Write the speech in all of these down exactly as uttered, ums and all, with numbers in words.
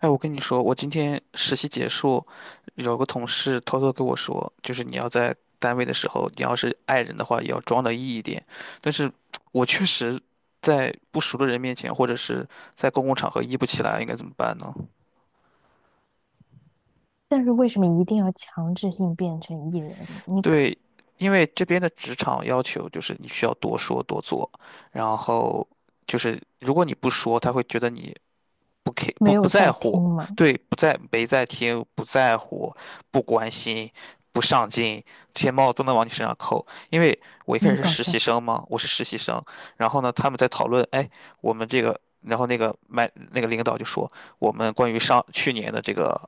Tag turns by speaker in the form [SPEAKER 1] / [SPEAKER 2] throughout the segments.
[SPEAKER 1] 哎，我跟你说，我今天实习结束，有个同事偷偷跟我说，就是你要在单位的时候，你要是爱人的话，也要装的 E 一点。但是我确实在不熟的人面前，或者是在公共场合 E 不起来，应该怎么办呢？
[SPEAKER 2] 但是为什么一定要强制性变成艺人？你可
[SPEAKER 1] 对，因为这边的职场要求就是你需要多说多做，然后就是如果你不说，他会觉得你不 k
[SPEAKER 2] 没
[SPEAKER 1] 不
[SPEAKER 2] 有
[SPEAKER 1] 不在
[SPEAKER 2] 在听
[SPEAKER 1] 乎，
[SPEAKER 2] 吗？
[SPEAKER 1] 对，不在没在听，不在乎，不关心，不上进，这些帽子都能往你身上扣。因为我一
[SPEAKER 2] 那
[SPEAKER 1] 开始
[SPEAKER 2] 么
[SPEAKER 1] 是
[SPEAKER 2] 搞
[SPEAKER 1] 实习
[SPEAKER 2] 笑。
[SPEAKER 1] 生嘛，我是实习生，然后呢，他们在讨论，哎，我们这个，然后那个麦那个领导就说，我们关于上去年的这个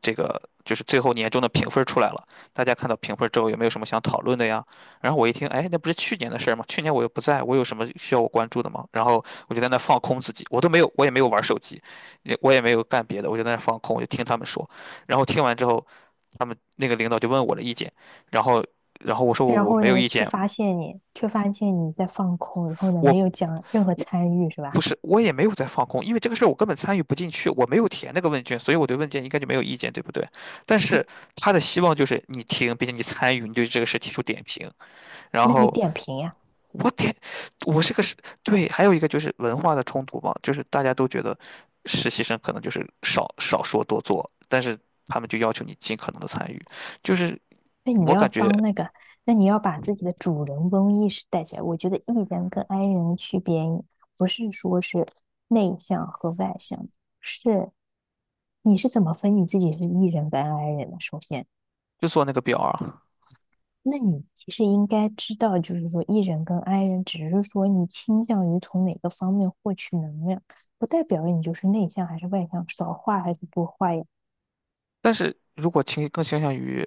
[SPEAKER 1] 这个就是最后年终的评分出来了，大家看到评分之后有没有什么想讨论的呀？然后我一听，哎，那不是去年的事儿吗？去年我又不在，我有什么需要我关注的吗？然后我就在那放空自己，我都没有，我也没有玩手机，也我也没有干别的，我就在那儿放空，我就听他们说。然后听完之后，他们那个领导就问我的意见，然后，然后我说我
[SPEAKER 2] 然
[SPEAKER 1] 我
[SPEAKER 2] 后
[SPEAKER 1] 没有
[SPEAKER 2] 呢，
[SPEAKER 1] 意
[SPEAKER 2] 却
[SPEAKER 1] 见，
[SPEAKER 2] 发现你，却发现你在放空，然后呢，
[SPEAKER 1] 我
[SPEAKER 2] 没有讲任何
[SPEAKER 1] 我
[SPEAKER 2] 参与，是吧？
[SPEAKER 1] 不是我也没有在放空，因为这个事儿我根本参与不进去，我没有填那个问卷，所以我对问卷应该就没有意见，对不对？但是他的希望就是你听，并且你参与，你对这个事提出点评，然
[SPEAKER 2] 那你
[SPEAKER 1] 后。
[SPEAKER 2] 点评呀？
[SPEAKER 1] 我天，我是个实，对，还有一个就是文化的冲突吧，就是大家都觉得实习生可能就是少少说多做，但是他们就要求你尽可能的参与，就是
[SPEAKER 2] 那你
[SPEAKER 1] 我
[SPEAKER 2] 要
[SPEAKER 1] 感觉
[SPEAKER 2] 当那个，那你要把自己的主人翁意识带起来。我觉得 E 人跟 I 人的区别，不是说是内向和外向，是你是怎么分你自己是 E 人跟 I 人的？首先。
[SPEAKER 1] 就做那个表啊。
[SPEAKER 2] 那你其实应该知道，就是说 E 人跟 I 人，只是说你倾向于从哪个方面获取能量，不代表你就是内向还是外向，少话还是多话呀。
[SPEAKER 1] 但是如果倾更倾向于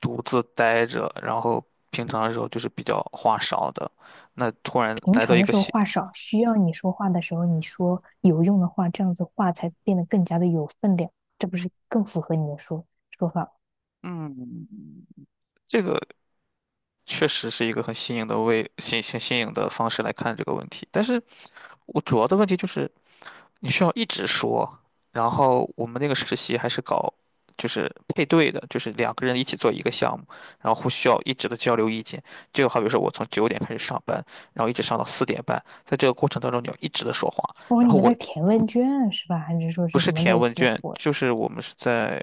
[SPEAKER 1] 独自待着，然后平常的时候就是比较话少的，那突然
[SPEAKER 2] 平
[SPEAKER 1] 来到
[SPEAKER 2] 常
[SPEAKER 1] 一
[SPEAKER 2] 的
[SPEAKER 1] 个
[SPEAKER 2] 时候
[SPEAKER 1] 新，
[SPEAKER 2] 话少，需要你说话的时候你说有用的话，这样子话才变得更加的有分量，这不是更符合你的说说法？
[SPEAKER 1] 嗯，这个确实是一个很新颖的为新新新颖的方式来看这个问题。但是我主要的问题就是，你需要一直说。然后我们那个实习还是搞就是配对的，就是两个人一起做一个项目，然后互需要一直的交流意见。就好比说我从九点开始上班，然后一直上到四点半，在这个过程当中你要一直的说话，
[SPEAKER 2] 哦，
[SPEAKER 1] 然
[SPEAKER 2] 你
[SPEAKER 1] 后
[SPEAKER 2] 们
[SPEAKER 1] 我
[SPEAKER 2] 在填问卷啊是吧？还是说
[SPEAKER 1] 不
[SPEAKER 2] 是
[SPEAKER 1] 是
[SPEAKER 2] 什么
[SPEAKER 1] 填
[SPEAKER 2] 类
[SPEAKER 1] 问
[SPEAKER 2] 似的
[SPEAKER 1] 卷，
[SPEAKER 2] 活？
[SPEAKER 1] 就是我们是在，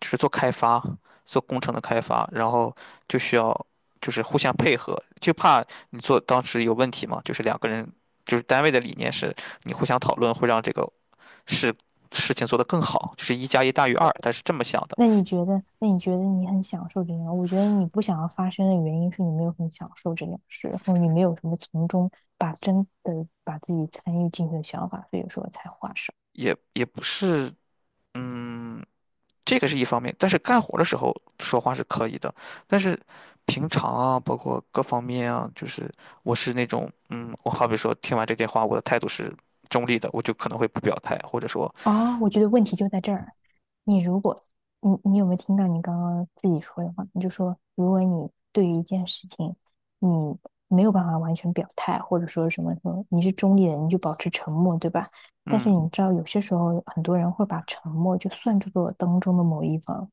[SPEAKER 1] 就是做开发，做工程的开发，然后就需要就是互相配合，就怕你做当时有问题嘛，就是两个人，就是单位的理念是你互相讨论会让这个事事情做得更好，就是一加一大于二，但是这么想的，
[SPEAKER 2] 那你觉得，那你觉得你很享受这件我觉得你不想要发生的原因是你没有很享受这件事，然后你没有什么从中把真的把自己参与进去的想法，所以说才划伤。
[SPEAKER 1] 也也不是，嗯。这个是一方面，但是干活的时候说话是可以的，但是平常啊，包括各方面啊，就是我是那种，嗯，我好比说听完这电话，我的态度是中立的，我就可能会不表态，或者说，
[SPEAKER 2] 哦，我觉得问题就在这儿。你如果你你有没有听到你刚刚自己说的话？你就说，如果你对于一件事情，你没有办法完全表态，或者说什么什么，你是中立的你就保持沉默，对吧？但是
[SPEAKER 1] 嗯，
[SPEAKER 2] 你知道，有些时候很多人会把沉默就算作当中的某一方，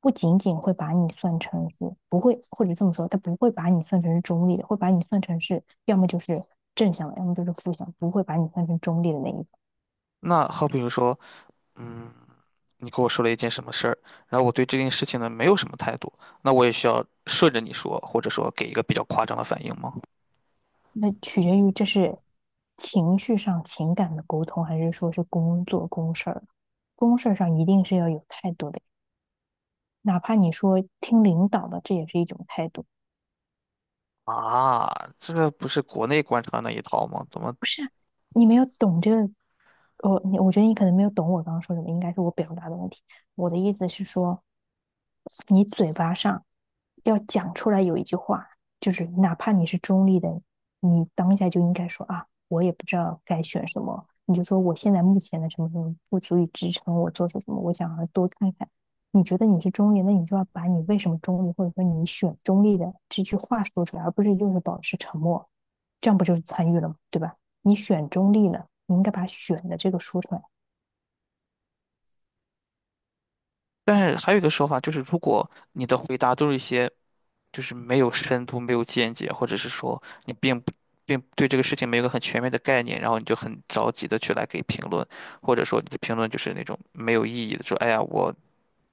[SPEAKER 2] 不仅仅会把你算成是不会，或者这么说，他不会把你算成是中立的，会把你算成是要么就是正向的，要么就是负向，不会把你算成中立的那一方。
[SPEAKER 1] 那好比如说，嗯，你跟我说了一件什么事儿，然后我对这件事情呢没有什么态度，那我也需要顺着你说，或者说给一个比较夸张的反应吗？
[SPEAKER 2] 那取决于这是情绪上情感的沟通，还是说是工作公事儿？公事儿上一定是要有态度的，哪怕你说听领导的，这也是一种态度。
[SPEAKER 1] 啊，这个不是国内官场那一套吗？怎么？
[SPEAKER 2] 不是啊，你没有懂这个，我你我觉得你可能没有懂我刚刚说什么，应该是我表达的问题。我的意思是说，你嘴巴上要讲出来有一句话，就是哪怕你是中立的，你当下就应该说啊，我也不知道该选什么，你就说我现在目前的什么什么不足以支撑我做出什么，我想要多看看。你觉得你是中立，那你就要把你为什么中立，或者说你选中立的这句话说出来，而不是就是保持沉默，这样不就是参与了吗？对吧？你选中立了，你应该把选的这个说出来。
[SPEAKER 1] 但是还有一个说法就是，如果你的回答都是一些，就是没有深度、没有见解，或者是说你并不并对这个事情没有个很全面的概念，然后你就很着急的去来给评论，或者说你的评论就是那种没有意义的，说哎呀，我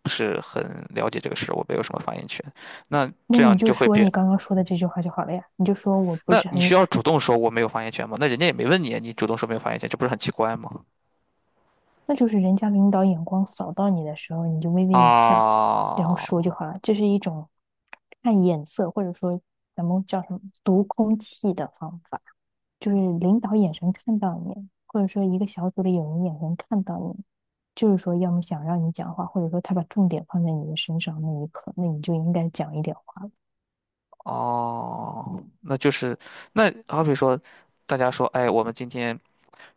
[SPEAKER 1] 不是很了解这个事，我没有什么发言权。那
[SPEAKER 2] 那
[SPEAKER 1] 这
[SPEAKER 2] 你
[SPEAKER 1] 样
[SPEAKER 2] 就
[SPEAKER 1] 就会
[SPEAKER 2] 说
[SPEAKER 1] 变，
[SPEAKER 2] 你刚刚说的这句话就好了呀，你就说我不
[SPEAKER 1] 那
[SPEAKER 2] 是
[SPEAKER 1] 你
[SPEAKER 2] 很，
[SPEAKER 1] 需要主动说我没有发言权吗？那人家也没问你，你主动说没有发言权，这不是很奇怪吗？
[SPEAKER 2] 那就是人家领导眼光扫到你的时候，你就微微一笑，然后
[SPEAKER 1] 啊。
[SPEAKER 2] 说就好了。这是一种看眼色，或者说咱们叫什么读空气的方法，就是领导眼神看到你，或者说一个小组里有人眼神看到你，就是说要么想让你讲话，或者说他把重点放在你的身上那一刻，那你就应该讲一点话了。
[SPEAKER 1] 哦，那就是那好比说，大家说，哎，我们今天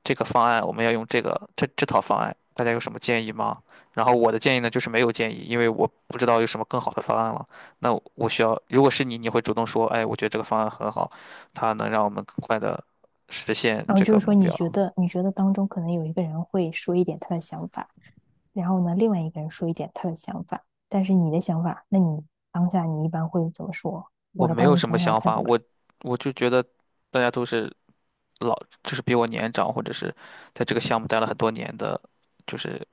[SPEAKER 1] 这个方案我们要用这个这这套方案，大家有什么建议吗？然后我的建议呢，就是没有建议，因为我不知道有什么更好的方案了。那我需要，如果是你，你会主动说，哎，我觉得这个方案很好，它能让我们更快的实现
[SPEAKER 2] 然后
[SPEAKER 1] 这
[SPEAKER 2] 就
[SPEAKER 1] 个
[SPEAKER 2] 是说，
[SPEAKER 1] 目
[SPEAKER 2] 你
[SPEAKER 1] 标。
[SPEAKER 2] 觉得你觉得当中可能有一个人会说一点他的想法，然后呢，另外一个人说一点他的想法，但是你的想法，那你当下你一般会怎么说？
[SPEAKER 1] 我
[SPEAKER 2] 我来
[SPEAKER 1] 没有
[SPEAKER 2] 帮你
[SPEAKER 1] 什么
[SPEAKER 2] 想想
[SPEAKER 1] 想
[SPEAKER 2] 看
[SPEAKER 1] 法，
[SPEAKER 2] 怎么
[SPEAKER 1] 我
[SPEAKER 2] 说。
[SPEAKER 1] 我就觉得大家都是老，就是比我年长，或者是在这个项目待了很多年的，就是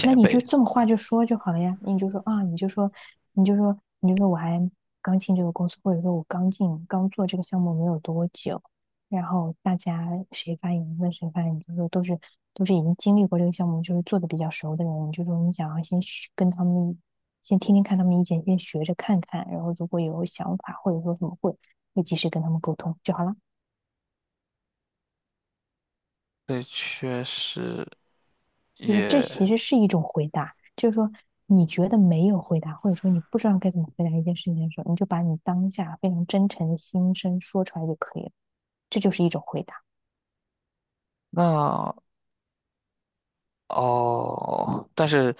[SPEAKER 2] 那你就
[SPEAKER 1] 辈，
[SPEAKER 2] 这么话就说就好了呀，你就说啊，你就说，你就说，你就说，我还刚进这个公司，或者说我刚进刚做这个项目没有多久，然后大家谁发言问谁发言，你就说都是都是已经经历过这个项目，就是做的比较熟的人，你就说你想要先学跟他们先听听看他们意见，先学着看看，然后如果有想法或者说什么会，会及时跟他们沟通就好了。
[SPEAKER 1] 对，确实
[SPEAKER 2] 就是这
[SPEAKER 1] 也
[SPEAKER 2] 其实是一种回答，就是说你觉得没有回答，或者说你不知道该怎么回答一件事情的时候，你就把你当下非常真诚的心声说出来就可以了，这就是一种回答。
[SPEAKER 1] 那哦，但是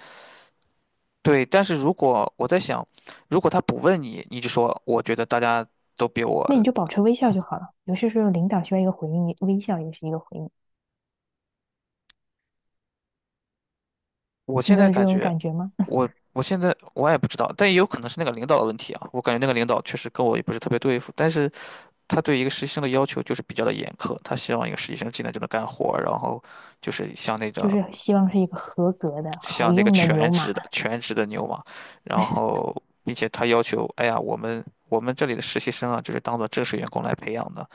[SPEAKER 1] 对，但是如果我在想，如果他不问你，你就说我觉得大家都比
[SPEAKER 2] 那你
[SPEAKER 1] 我，
[SPEAKER 2] 就保持微笑就好了。有些时候领导需要一个回应，微笑也是一个回应。
[SPEAKER 1] 我
[SPEAKER 2] 你
[SPEAKER 1] 现
[SPEAKER 2] 没
[SPEAKER 1] 在
[SPEAKER 2] 有这
[SPEAKER 1] 感
[SPEAKER 2] 种
[SPEAKER 1] 觉
[SPEAKER 2] 感觉吗？
[SPEAKER 1] 我我现在我也不知道，但也有可能是那个领导的问题啊。我感觉那个领导确实跟我也不是特别对付，但是他对一个实习生的要求就是比较的严苛，他希望一个实习生进来就能干活儿，然后就是像那种
[SPEAKER 2] 就是希望是一个合格的、好
[SPEAKER 1] 像那个
[SPEAKER 2] 用的
[SPEAKER 1] 全
[SPEAKER 2] 牛马。
[SPEAKER 1] 职的全职的牛马，然后并且他要求，哎呀，我们我们这里的实习生啊，就是当做正式员工来培养的，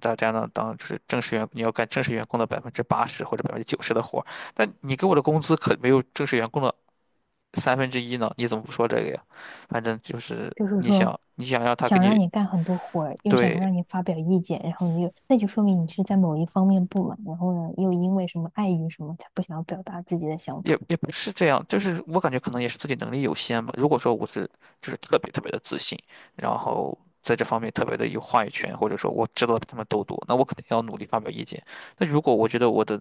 [SPEAKER 1] 大家呢当就是正式员，你要干正式员工的百分之八十或者百分之九十的活儿，但你给我的工资可没有正式员工的三分之一呢，你怎么不说这个呀？反正就是
[SPEAKER 2] 就是
[SPEAKER 1] 你
[SPEAKER 2] 说
[SPEAKER 1] 想你想让他给
[SPEAKER 2] 想让
[SPEAKER 1] 你，
[SPEAKER 2] 你干很多活儿，又想
[SPEAKER 1] 对
[SPEAKER 2] 让你发表意见，然后你又，那就说明你是在某一方面不满，然后呢，又因为什么碍于什么，他不想要表达自己的想
[SPEAKER 1] 也
[SPEAKER 2] 法。
[SPEAKER 1] 也不是这样，就是我感觉可能也是自己能力有限吧。如果说我是就是特别特别的自信，然后在这方面特别的有话语权，或者说我知道的比他们都多，那我肯定要努力发表意见。那如果我觉得我的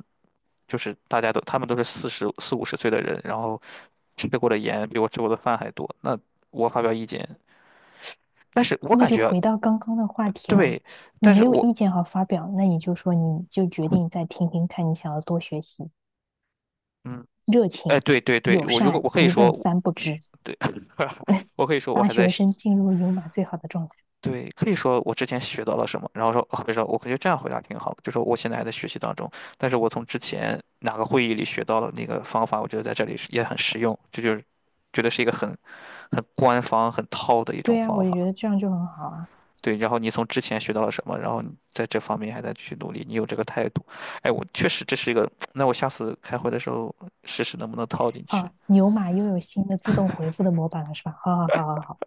[SPEAKER 1] 就是大家都他们都是四十四五十岁的人，然后吃过的盐比我吃过的饭还多，那我发表意见，但是我
[SPEAKER 2] 那
[SPEAKER 1] 感
[SPEAKER 2] 就
[SPEAKER 1] 觉
[SPEAKER 2] 回到刚刚的话题啦，
[SPEAKER 1] 对，
[SPEAKER 2] 你
[SPEAKER 1] 但
[SPEAKER 2] 没
[SPEAKER 1] 是
[SPEAKER 2] 有
[SPEAKER 1] 我
[SPEAKER 2] 意见好发表，那你就说你就决定再听听看，你想要多学习，
[SPEAKER 1] 嗯，
[SPEAKER 2] 热
[SPEAKER 1] 哎，
[SPEAKER 2] 情、
[SPEAKER 1] 对对对，
[SPEAKER 2] 友
[SPEAKER 1] 我如果
[SPEAKER 2] 善，
[SPEAKER 1] 我可以
[SPEAKER 2] 一问
[SPEAKER 1] 说，
[SPEAKER 2] 三不知，
[SPEAKER 1] 对，我可以说我
[SPEAKER 2] 大
[SPEAKER 1] 还在。
[SPEAKER 2] 学
[SPEAKER 1] 学。
[SPEAKER 2] 生进入牛马最好的状态。
[SPEAKER 1] 对，可以说我之前学到了什么，然后说，哦，别说，我感觉这样回答挺好的，就说我现在还在学习当中，但是我从之前哪个会议里学到了那个方法，我觉得在这里是也很实用，这就是觉得是一个很很官方、很套的一种
[SPEAKER 2] 对呀，
[SPEAKER 1] 方
[SPEAKER 2] 我就觉
[SPEAKER 1] 法。
[SPEAKER 2] 得这样就很好啊。
[SPEAKER 1] 对，然后你从之前学到了什么，然后你在这方面还在去努力，你有这个态度，哎，我确实这是一个，那我下次开会的时候试试能不能套进去。
[SPEAKER 2] 好，牛马又有新的自动回复的模板了，是吧？好好好好好。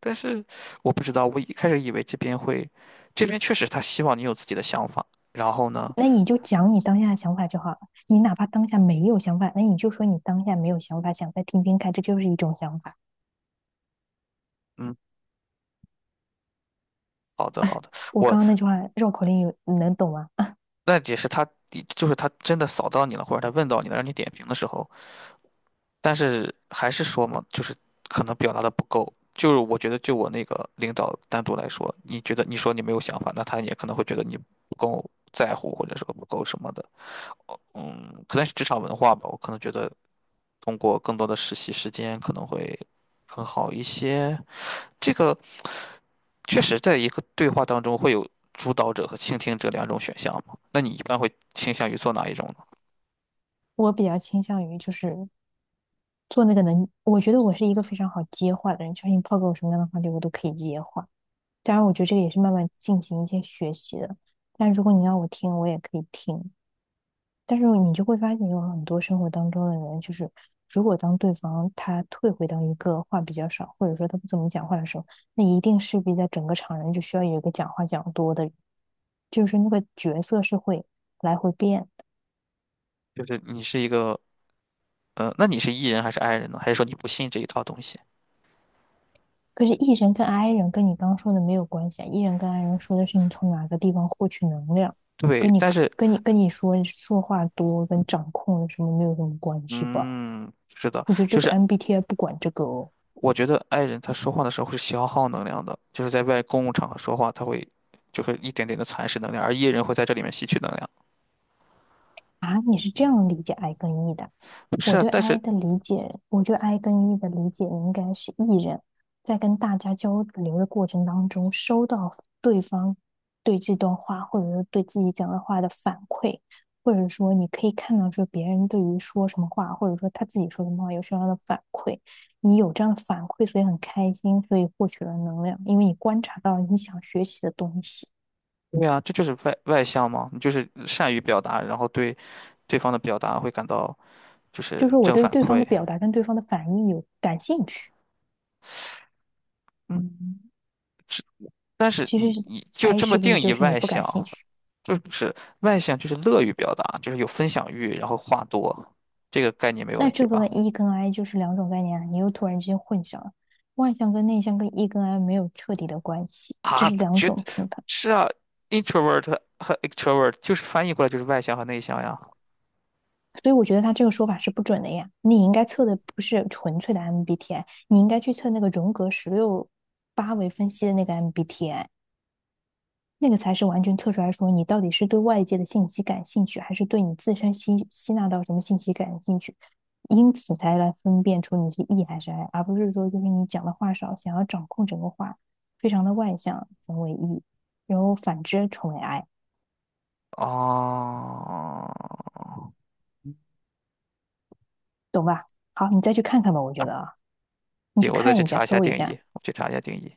[SPEAKER 1] 但是我不知道，我一开始以为这边会，这边确实他希望你有自己的想法，然后呢？
[SPEAKER 2] 那你就讲你当下的想法就好了。你哪怕当下没有想法，那你就说你当下没有想法，想再听听看，这就是一种想法。
[SPEAKER 1] 嗯。好的，好的，
[SPEAKER 2] 我
[SPEAKER 1] 我
[SPEAKER 2] 刚刚那句话绕口令有你能懂吗？
[SPEAKER 1] 那也是他，就是他真的扫到你了，或者他问到你了，让你点评的时候，但是还是说嘛，就是可能表达的不够。就是我觉得，就我那个领导单独来说，你觉得你说你没有想法，那他也可能会觉得你不够在乎，或者说不够什么的。嗯，可能是职场文化吧，我可能觉得通过更多的实习时间可能会更好一些。这个确实，在一个对话当中会有主导者和倾听者两种选项嘛？那你一般会倾向于做哪一种呢？
[SPEAKER 2] 我比较倾向于就是做那个能，我觉得我是一个非常好接话的人，就是你抛给我什么样的话题，我都可以接话。当然，我觉得这个也是慢慢进行一些学习的。但如果你要我听，我也可以听。但是你就会发现，有很多生活当中的人，就是如果当对方他退回到一个话比较少，或者说他不怎么讲话的时候，那一定势必在整个场人就需要有一个讲话讲多的人，就是那个角色是会来回变的。
[SPEAKER 1] 就是你是一个，呃，那你是 E 人还是 I 人呢？还是说你不信这一套东西？
[SPEAKER 2] 可是 E 人跟 I 人跟你刚说的没有关系啊，E 人跟 I 人说的是你从哪个地方获取能量，
[SPEAKER 1] 对，
[SPEAKER 2] 跟你
[SPEAKER 1] 但是，
[SPEAKER 2] 跟你跟你说说话多跟掌控什么没有什么关系吧？
[SPEAKER 1] 嗯，是的，
[SPEAKER 2] 我觉得这
[SPEAKER 1] 就
[SPEAKER 2] 个
[SPEAKER 1] 是
[SPEAKER 2] M B T I 不管这个哦。
[SPEAKER 1] 我觉得 I 人他说话的时候会消耗能量的，就是在外公共场合说话，他会就是一点点的蚕食能量，而 E 人会在这里面吸取能量。
[SPEAKER 2] 啊，你是这样理解 I 跟 E 的啊？
[SPEAKER 1] 不是
[SPEAKER 2] 我
[SPEAKER 1] 啊，
[SPEAKER 2] 对
[SPEAKER 1] 但
[SPEAKER 2] I
[SPEAKER 1] 是，
[SPEAKER 2] 的理解，我对 I 跟 E 的理解应该是 E 人在跟大家交流的过程当中，收到对方对这段话或者是对自己讲的话的反馈，或者说你可以看到说别人对于说什么话，或者说他自己说什么话有什么样的反馈，你有这样的反馈，所以很开心，所以获取了能量，因为你观察到你想学习的东西，
[SPEAKER 1] 对啊，这就是外外向嘛，你就是善于表达，然后对对方的表达会感到就是
[SPEAKER 2] 就是我
[SPEAKER 1] 正
[SPEAKER 2] 对
[SPEAKER 1] 反
[SPEAKER 2] 对方的
[SPEAKER 1] 馈。
[SPEAKER 2] 表达跟对方的反应有感兴趣。
[SPEAKER 1] 但是
[SPEAKER 2] 其实
[SPEAKER 1] 你你就
[SPEAKER 2] I
[SPEAKER 1] 这么
[SPEAKER 2] 是不
[SPEAKER 1] 定
[SPEAKER 2] 是就
[SPEAKER 1] 义
[SPEAKER 2] 是你
[SPEAKER 1] 外
[SPEAKER 2] 不
[SPEAKER 1] 向，
[SPEAKER 2] 感兴趣？
[SPEAKER 1] 就是外向就是乐于表达，就是有分享欲，然后话多，这个概念没有问
[SPEAKER 2] 那
[SPEAKER 1] 题
[SPEAKER 2] 这个
[SPEAKER 1] 吧？
[SPEAKER 2] E 跟 I 就是两种概念啊，你又突然之间混淆了。外向跟内向跟 E 跟 I 没有彻底的关系，这
[SPEAKER 1] 啊，
[SPEAKER 2] 是两
[SPEAKER 1] 绝，
[SPEAKER 2] 种评判，
[SPEAKER 1] 是啊，introvert 和和 extrovert 就是翻译过来就是外向和内向呀。
[SPEAKER 2] 所以我觉得他这个说法是不准的呀。你应该测的不是纯粹的 M B T I，你应该去测那个荣格十六八维分析的那个 M B T I。那个才是完全测出来说你到底是对外界的信息感兴趣，还是对你自身吸吸纳到什么信息感兴趣，因此才来分辨出你是 E 还是 I，而不是说就是你讲的话少，想要掌控整个话，非常的外向，成为 E，然后反之成为 I，
[SPEAKER 1] 哦，
[SPEAKER 2] 懂吧？好，你再去看看吧，我觉得啊，你去
[SPEAKER 1] 行，我再
[SPEAKER 2] 看
[SPEAKER 1] 去
[SPEAKER 2] 一下，
[SPEAKER 1] 查一下
[SPEAKER 2] 搜一
[SPEAKER 1] 定
[SPEAKER 2] 下，
[SPEAKER 1] 义，我去查一下定义。